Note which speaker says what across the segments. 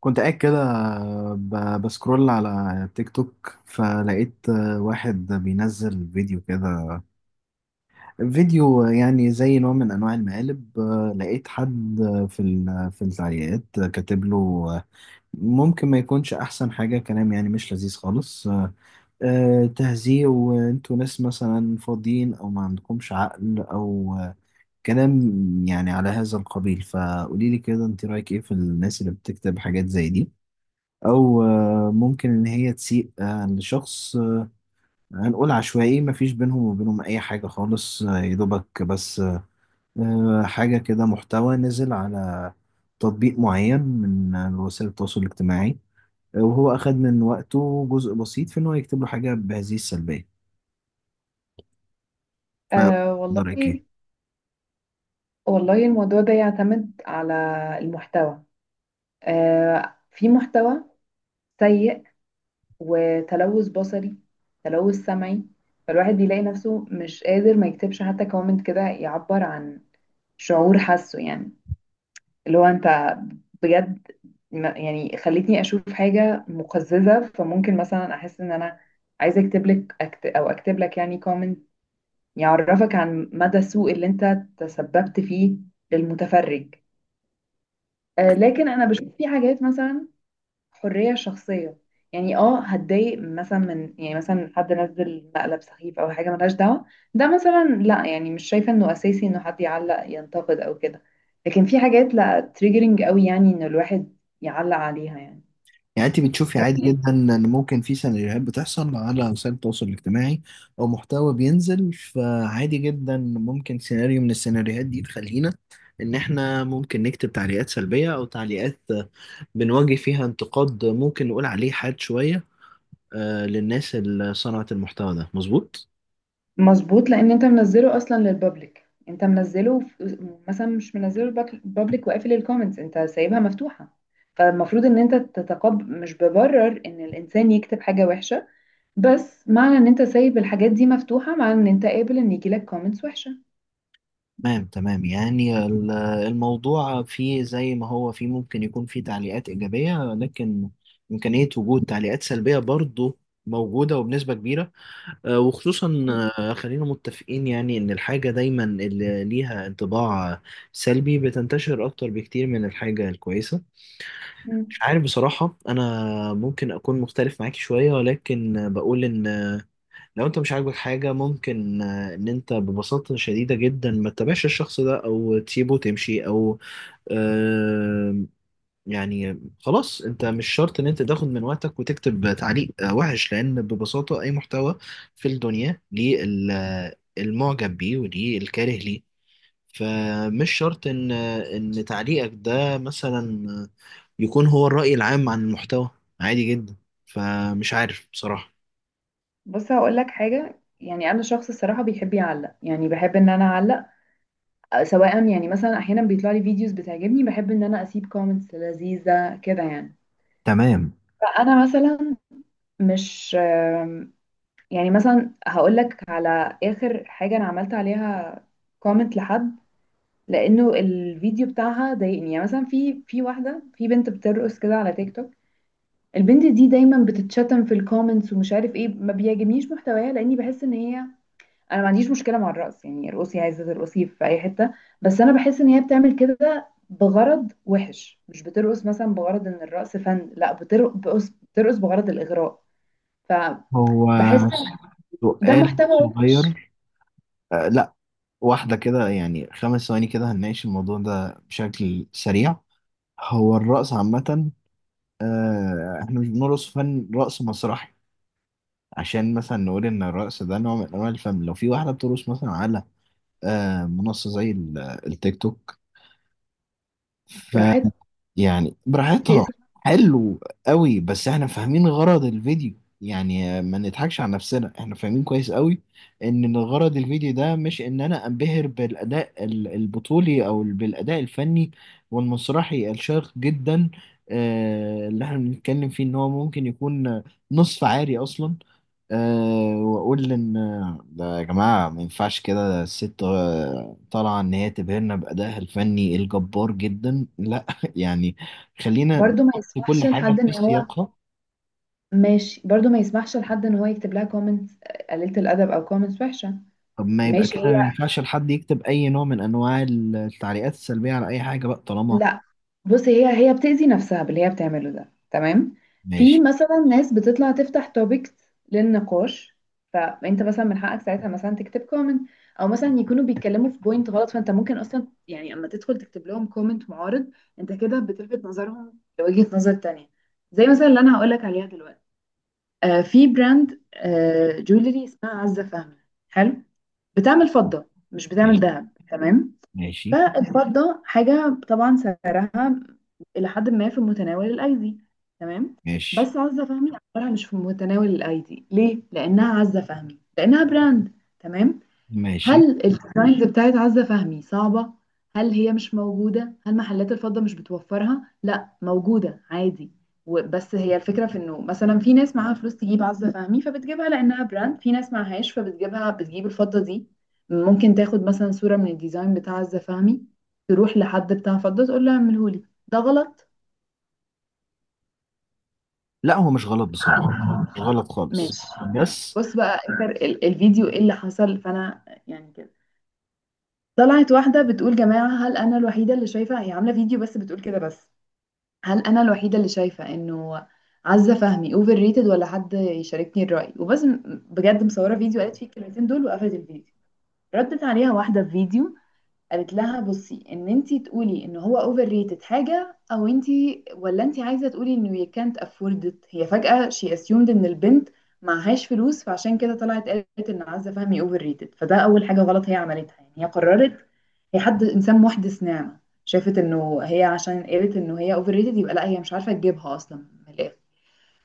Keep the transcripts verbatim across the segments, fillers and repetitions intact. Speaker 1: كنت قاعد كده ب- بسكرول على تيك توك فلقيت واحد بينزل فيديو كده. فيديو يعني زي نوع من انواع المقالب. لقيت حد في ال- في التعليقات كاتب له ممكن ما يكونش احسن حاجة. كلام يعني مش لذيذ خالص. آه، تهزيء وانتوا ناس مثلا فاضيين او ما عندكمش عقل او كلام يعني على هذا القبيل. فقولي لي كده، انت رايك ايه في الناس اللي بتكتب حاجات زي دي او آه، ممكن ان هي تسيء آه، لشخص، آه، هنقول عشوائي، مفيش بينهم وبينهم اي حاجة خالص. آه، يدوبك بس آه، حاجة كده، محتوى نزل على تطبيق معين من آه، وسائل التواصل الاجتماعي. آه، وهو اخد من وقته جزء بسيط في ان هو يكتب له حاجة بهذه السلبية. ف-
Speaker 2: أه والله
Speaker 1: رأيك إيه؟
Speaker 2: والله الموضوع ده يعتمد على المحتوى. أه في محتوى سيء، وتلوث بصري، تلوث سمعي. فالواحد بيلاقي نفسه مش قادر ما يكتبش حتى كومنت كده يعبر عن شعور حاسه، يعني اللي هو انت بجد ما- يعني خلتني اشوف حاجة مقززة. فممكن مثلا احس ان انا عايزة اكتب لك أكت او اكتب لك يعني كومنت يعرفك عن مدى السوء اللي انت تسببت فيه للمتفرج. آه، لكن انا بشوف في حاجات، مثلا حريه شخصيه، يعني اه هتضايق مثلا من، يعني مثلا حد نزل مقلب سخيف او حاجه ملهاش دعوه، ده مثلا لا، يعني مش شايفه انه اساسي انه حد يعلق ينتقد او كده. لكن في حاجات لا تريجرنج قوي، يعني ان الواحد يعلق عليها يعني.
Speaker 1: يعني انت بتشوفي عادي جدا ان ممكن في سيناريوهات بتحصل على وسائل التواصل الاجتماعي او محتوى بينزل، فعادي جدا ممكن سيناريو من السيناريوهات دي تخلينا ان احنا ممكن نكتب تعليقات سلبية او تعليقات بنواجه فيها انتقاد، ممكن نقول عليه حاد شوية آه، للناس اللي صنعت المحتوى ده، مظبوط؟
Speaker 2: مظبوط، لان انت منزله اصلا للبابليك. انت منزله في- مثلا مش منزله للبابليك وقافل الكومنتس، انت سايبها مفتوحه. فالمفروض ان انت تتقبل. مش ببرر ان الانسان يكتب حاجه وحشه، بس معنى ان انت سايب الحاجات دي مفتوحة، معنى ان انت قابل ان يجيلك كومنتس وحشة.
Speaker 1: تمام، تمام. يعني ال- الموضوع فيه، زي ما هو فيه ممكن يكون فيه تعليقات إيجابية، لكن إمكانية وجود تعليقات سلبية برضه موجودة وبنسبة كبيرة. آه، وخصوصا آه، خلينا متفقين يعني ان الحاجة دايما اللي ليها انطباع آه، سلبي بتنتشر اكتر بكتير من الحاجة الكويسة.
Speaker 2: مم.
Speaker 1: مش عارف بصراحة. انا ممكن اكون مختلف معاك شوية، ولكن آه، بقول ان آه، لو انت مش عاجبك حاجة، ممكن آه، ان انت ببساطة شديدة جدا ما تتابعش الشخص ده او تسيبه تمشي، او يعني خلاص انت مش شرط ان انت تاخد من وقتك وتكتب تعليق آه، وحش، لان ببساطة اي محتوى في الدنيا ليه ال- آه، المعجب بيه وليه الكاره ليه. فمش شرط ان آه، ان تعليقك ده مثلا آه، يكون هو الرأي العام عن المحتوى. عادي جدا. فمش عارف بصراحة.
Speaker 2: بص، هقول لك حاجة. يعني انا شخص الصراحة بيحب يعلق، يعني بحب ان انا اعلق. أه، سواء يعني مثلا احيانا بيطلع لي فيديوز بتعجبني، بحب ان انا اسيب كومنتس لذيذة كده يعني.
Speaker 1: تمام.
Speaker 2: فانا مثلا مش آم، يعني مثلا هقول لك على اخر حاجة انا عملت عليها كومنت لحد، لانه الفيديو بتاعها ضايقني. يعني مثلا في في واحدة، في بنت بترقص كده على تيك توك. البنت دي دايما بتتشتم في الكومنتس. ومش عارف ايه، ما بيعجبنيش محتواها، لاني بحس ان هي، انا ما عنديش مشكله مع الرقص، يعني ارقصي، عايزه ترقصي في اي حته. بس انا بحس ان هي بتعمل كده بغرض وحش. مش بترقص مثلا بغرض ان الرقص فن، لا، بتر- بترقص بترقص بغرض الاغراء.
Speaker 1: هو
Speaker 2: فبحس ان ده
Speaker 1: سؤال
Speaker 2: محتوى وحش.
Speaker 1: صغير. آه، لا، واحدة كده، يعني خمس ثواني كده هنناقش الموضوع ده بشكل سريع. هو الرقص عامة، آه، احنا مش بنرقص فن رقص مسرحي عشان مثلا نقول ان الرقص ده نوع من انواع الفن. لو في واحده بترقص مثلا على آه، منصه زي ال- آه، التيك توك،
Speaker 2: براحتها
Speaker 1: يعني براحتها.
Speaker 2: بتأذي.
Speaker 1: حلو قوي، بس احنا فاهمين غرض الفيديو. يعني ما نضحكش على نفسنا، احنا فاهمين كويس قوي ان غرض الفيديو ده مش ان انا انبهر بالاداء ال- البطولي او بالاداء الفني والمسرحي الشاق جدا. آه، اللي احنا بنتكلم فيه ان هو ممكن يكون نصف عاري اصلا. أه، واقول ان ده يا جماعه ما ينفعش كده، ده الست آه، طالعه ان هي تبهرنا بادائها الفني الجبار جدا؟ لا يعني خلينا
Speaker 2: برضو ما
Speaker 1: نحط كل
Speaker 2: يسمحش لحد
Speaker 1: حاجه في
Speaker 2: ان هو،
Speaker 1: سياقها.
Speaker 2: ماشي، برضو ما يسمحش لحد ان هو يكتب لها كومنتس قليله الادب او كومنتس وحشه.
Speaker 1: طب ما يبقى
Speaker 2: ماشي.
Speaker 1: كده
Speaker 2: هي
Speaker 1: ما ينفعش لحد يكتب اي نوع من انواع التعليقات السلبيه على اي حاجه بقى، طالما
Speaker 2: بصي هي هي بتأذي نفسها باللي هي بتعمله ده، تمام. في
Speaker 1: ماشي،
Speaker 2: مثلا ناس بتطلع تفتح توبكس للنقاش، فانت مثلا من حقك ساعتها مثلا تكتب كومنت. او مثلا يكونوا بيتكلموا في بوينت غلط، فانت ممكن اصلا، يعني اما تدخل تكتب لهم كومنت معارض، انت كده بتلفت نظرهم لوجهة نظر تانية. زي مثلا اللي انا هقول لك عليها دلوقتي. آه، في براند آه جولري اسمها عزة فهمي. حلو. بتعمل فضة، مش بتعمل
Speaker 1: ماشي،
Speaker 2: ذهب، تمام.
Speaker 1: ماشي،
Speaker 2: فالفضة حاجة طبعا سعرها إلى حد ما في متناول الأيدي، تمام.
Speaker 1: ماشي،
Speaker 2: بس عزة فهمي أسعارها مش في متناول الأيدي. ليه؟ لأنها عزة فهمي، لأنها براند، تمام.
Speaker 1: ماشي.
Speaker 2: هل الديزاينز بتاعت عزة فهمي صعبة؟ هل هي مش موجودة؟ هل محلات الفضة مش بتوفرها؟ لا، موجودة عادي. و- بس هي الفكرة في انه مثلا في ناس معاها فلوس تجيب عزة فهمي، فبتجيبها لأنها براند. في ناس معهاش، فبتجيبها، بتجيب الفضة دي. ممكن تاخد مثلا صورة من الديزاين بتاع عزة فهمي، تروح لحد بتاع فضة تقول له اعملهولي. ده غلط،
Speaker 1: لا هو مش غلط بصراحه، مش غلط خالص.
Speaker 2: ماشي.
Speaker 1: بس
Speaker 2: بص بقى انت، ال- الفيديو ايه اللي حصل، فانا يعني كده طلعت واحدة بتقول، جماعة هل أنا الوحيدة اللي شايفة، هي عاملة فيديو بس بتقول كده بس، هل أنا الوحيدة اللي شايفة إنه عزة فهمي اوفر ريتد، ولا حد يشاركني الرأي؟ وبس. م- بجد مصورة فيديو قالت فيه الكلمتين دول وقفلت الفيديو. ردت عليها واحدة في فيديو، قالت لها بصي، ان انتي تقولي ان هو اوفر ريتد حاجه، او انتي، ولا انتي عايزه تقولي انه you can't afford it. هي فجاه she assumed ان البنت معهاش فلوس، فعشان كده طلعت قالت ان عزه فهمي اوفر ريتد. فده اول حاجه غلط هي عملتها، يعني هي قررت هي، حد انسان محدث نعمه شافت انه هي، عشان قالت انه هي اوفر ريتد، يبقى لا، هي مش عارفه تجيبها اصلا، من الاخر.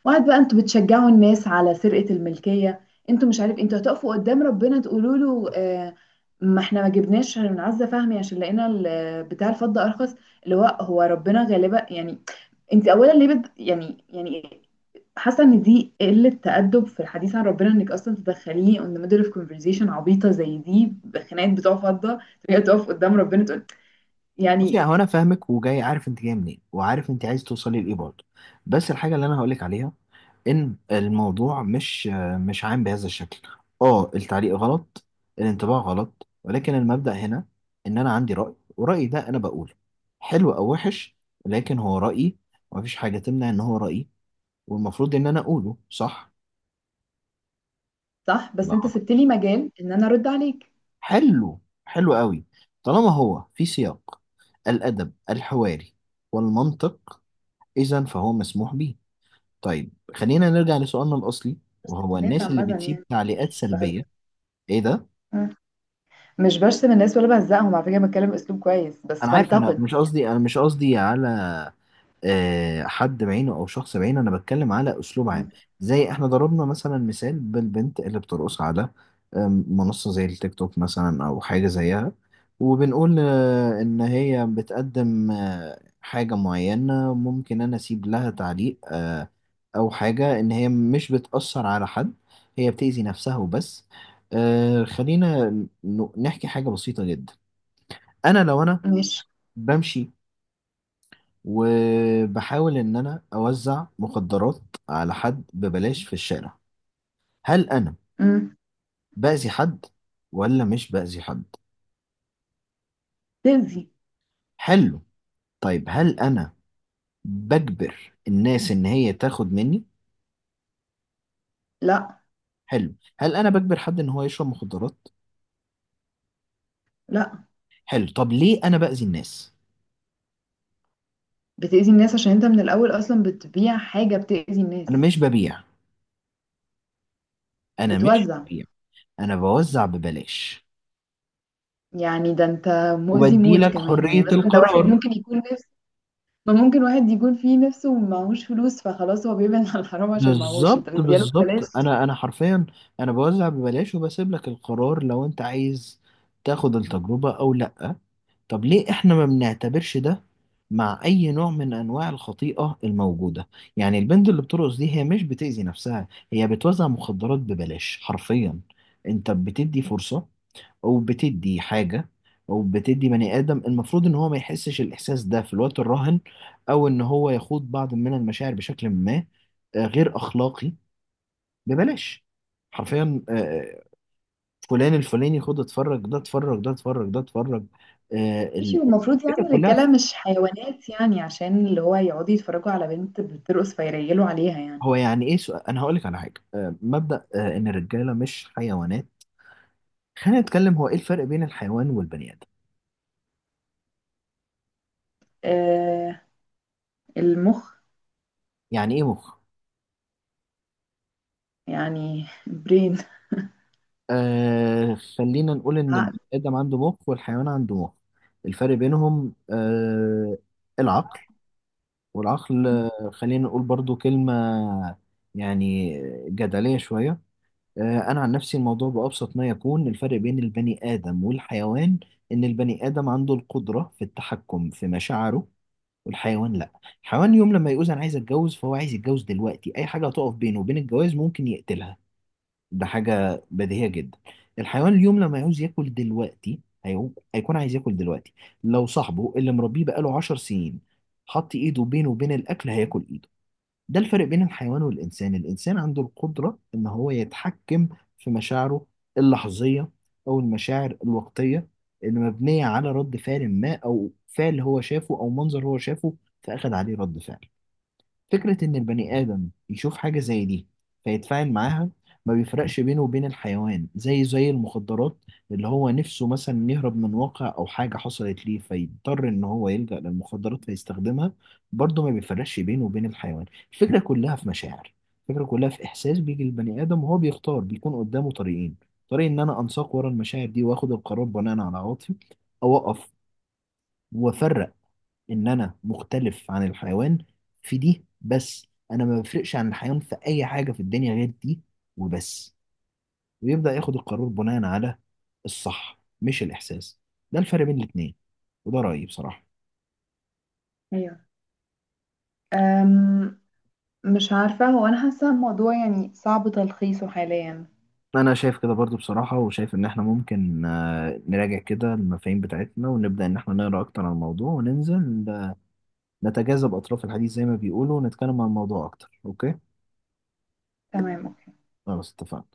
Speaker 2: وقعد بقى انتوا بتشجعوا الناس على سرقة الملكية. انتوا مش، عارف انتوا هتقفوا قدام ربنا تقولوا له، آه ما احنا ما جبناش من عزة فهمي عشان لقينا ال- بتاع الفضة ارخص، اللي هو هو ربنا غالبا يعني. انت اولا ليه بد يعني، يعني حاسه ان دي قله تأدب في الحديث عن ربنا، انك اصلا تدخليه on the middle of conversation عبيطه زي دي، بخناقات بتوع فضه، تبقى تقف قدام ربنا تقول
Speaker 1: بصي،
Speaker 2: يعني.
Speaker 1: يعني انا فاهمك، وجاي عارف انت جايه منين، وعارف انت عايز توصلي لايه برضه. بس الحاجه اللي انا هقولك عليها ان الموضوع مش مش عام بهذا الشكل. اه، التعليق غلط، الانطباع غلط، ولكن المبدأ هنا ان انا عندي رأي، ورأيي ده انا بقوله، حلو او وحش، لكن هو رأيي، ومفيش حاجة تمنع ان هو رأيي، والمفروض ان انا اقوله. صح
Speaker 2: صح، بس
Speaker 1: لا
Speaker 2: انت
Speaker 1: غلط.
Speaker 2: سبت لي مجال ان انا ارد عليك.
Speaker 1: حلو، حلو قوي. طالما هو في سياق الأدب الحواري والمنطق، اذا فهو مسموح بيه. طيب خلينا نرجع لسؤالنا الأصلي، وهو
Speaker 2: الناس
Speaker 1: الناس، ماشي، اللي
Speaker 2: عامه
Speaker 1: بتسيب
Speaker 2: يعني،
Speaker 1: تعليقات سلبية.
Speaker 2: بهزر،
Speaker 1: إيه ده؟
Speaker 2: مش برسم الناس ولا بهزقهم، على فكرة بتكلم اسلوب كويس بس
Speaker 1: أنا عارف، أنا
Speaker 2: بنتقد
Speaker 1: مش
Speaker 2: يعني.
Speaker 1: قصدي، أنا مش قصدي على آه، حد بعينه او شخص بعينه، انا بتكلم على اسلوب عام. زي احنا ضربنا مثلا مثال بالبنت اللي بترقص على آم، منصة زي التيك توك مثلا او حاجة زيها. وبنقول آه، ان هي بتقدم آه، حاجة معينة، ممكن انا اسيب لها تعليق آه، او حاجة، ان هي مش بتأثر على حد، هي بتأذي نفسها وبس. آه، خلينا ن- نحكي حاجة بسيطة جدا. انا، لو انا
Speaker 2: مش
Speaker 1: بمشي وبحاول إن أنا أوزع مخدرات على حد ببلاش في الشارع، هل أنا
Speaker 2: مم.
Speaker 1: بأذي حد ولا مش بأذي حد؟
Speaker 2: تأذي.
Speaker 1: حلو. طيب هل أنا بجبر الناس إن هي تاخد مني؟
Speaker 2: لا.
Speaker 1: حلو. هل أنا بجبر حد إن هو يشرب مخدرات؟
Speaker 2: لا،
Speaker 1: حلو. طب ليه أنا بأذي الناس؟
Speaker 2: بتأذي الناس عشان انت من الأول أصلا بتبيع حاجة بتأذي
Speaker 1: أنا
Speaker 2: الناس.
Speaker 1: مش ببيع، أنا مش
Speaker 2: بتوزع،
Speaker 1: ببيع، أنا بوزع ببلاش
Speaker 2: يعني ده انت مؤذي
Speaker 1: وبدي
Speaker 2: موت
Speaker 1: لك
Speaker 2: كمان. يعني
Speaker 1: حرية
Speaker 2: مثلا ده واحد
Speaker 1: القرار.
Speaker 2: ممكن يكون نفس، ما ممكن واحد يكون فيه نفسه ومعهوش فلوس، فخلاص هو بيبعد عن الحرام عشان معهوش، انت
Speaker 1: بالظبط،
Speaker 2: بتديله ببلاش.
Speaker 1: بالظبط. انا انا حرفيا، انا بوزع ببلاش وبسيب لك القرار لو انت عايز تاخد التجربة او لا. طب ليه احنا ما بنعتبرش ده مع اي نوع من انواع الخطيئة الموجودة؟ يعني البنت اللي بترقص دي هي مش بتأذي نفسها، هي بتوزع مخدرات ببلاش حرفيا. انت بتدي فرصة، او بتدي حاجه، او بتدي بني ادم المفروض ان هو ما يحسش الاحساس ده في الوقت الراهن، او ان هو يخوض بعض من المشاعر بشكل ما آه، غير اخلاقي، ببلاش، حرفيا. آه، آه، فلان الفلاني، خد اتفرج ده، اتفرج ده، اتفرج ده، اتفرج. آه، ال-
Speaker 2: ماشي، والمفروض
Speaker 1: الفكره
Speaker 2: يعني
Speaker 1: كلها،
Speaker 2: الرجالة مش حيوانات يعني، عشان اللي هو يقعدوا يتفرجوا على بنت بترقص فيريلوا عليها يعني.
Speaker 1: هو يعني ايه؟ سؤال، انا هقول لك على حاجه، آه، مبدا آه، ان الرجاله مش حيوانات. خلينا نتكلم، هو ايه الفرق بين الحيوان والبني ادم؟
Speaker 2: آه. المخ.
Speaker 1: يعني ايه مخ؟
Speaker 2: يعني برين.
Speaker 1: آه، خلينا نقول إن
Speaker 2: عقل.
Speaker 1: البني آدم عنده مخ والحيوان عنده مخ. الفرق بينهم، آه، العقل. والعقل آه، خلينا نقول برضو كلمة، يعني، جدلية شوية. آه، أنا عن نفسي الموضوع بأبسط ما يكون، الفرق بين البني آدم والحيوان إن البني آدم عنده القدرة في التحكم في مشاعره، والحيوان لا. الحيوان يوم لما يقول أنا عايز أتجوز، فهو عايز يتجوز دلوقتي، أي حاجة هتقف بينه وبين الجواز ممكن يقتلها. ده حاجة بديهية جدا. الحيوان اليوم لما يعوز ياكل دلوقتي، هيعو- هيكون عايز ياكل دلوقتي. لو صاحبه اللي مربيه بقاله عشر سنين حط ايده بينه وبين الاكل، هياكل ايده. ده الفرق بين الحيوان والانسان، الانسان عنده القدرة ان هو يتحكم في مشاعره اللحظية، او المشاعر الوقتية اللي مبنية على رد فعل ما، او فعل هو شافه، او منظر هو شافه، فاخد عليه رد فعل. فكرة إن البني آدم يشوف حاجة زي دي فيتفاعل معاها، ما بيفرقش بينه وبين الحيوان، زي زي المخدرات، اللي هو نفسه مثلا يهرب من واقع أو حاجة حصلت ليه فيضطر إن هو يلجأ للمخدرات فيستخدمها، برضه ما بيفرقش بينه وبين الحيوان. الفكرة كلها في مشاعر، الفكرة كلها في إحساس بيجي للبني آدم، وهو بيختار، بيكون قدامه طريقين. طريق إن أنا أنساق ورا المشاعر دي وآخد القرار بناء على عواطفي، أو أقف وأفرق ان انا مختلف عن الحيوان في دي، بس انا ما بفرقش عن الحيوان في اي حاجه في الدنيا غير دي وبس، ويبدا ياخد القرار بناء على الصح مش الاحساس. ده الفرق بين الاتنين، وده رايي بصراحه.
Speaker 2: ايوه. أم مش عارفة، هو انا حاسة الموضوع يعني صعب تلخيصه حاليا.
Speaker 1: انا شايف كده برضو بصراحه، وشايف ان احنا ممكن آه، نراجع كده المفاهيم بتاعتنا ونبدا ان احنا نقرا اكتر عن الموضوع وننزل آه، نتجاذب اطراف الحديث زي ما بيقولوا، ونتكلم عن الموضوع اكتر. اوكي؟
Speaker 2: تمام، اوكي.
Speaker 1: خلاص، اتفقنا.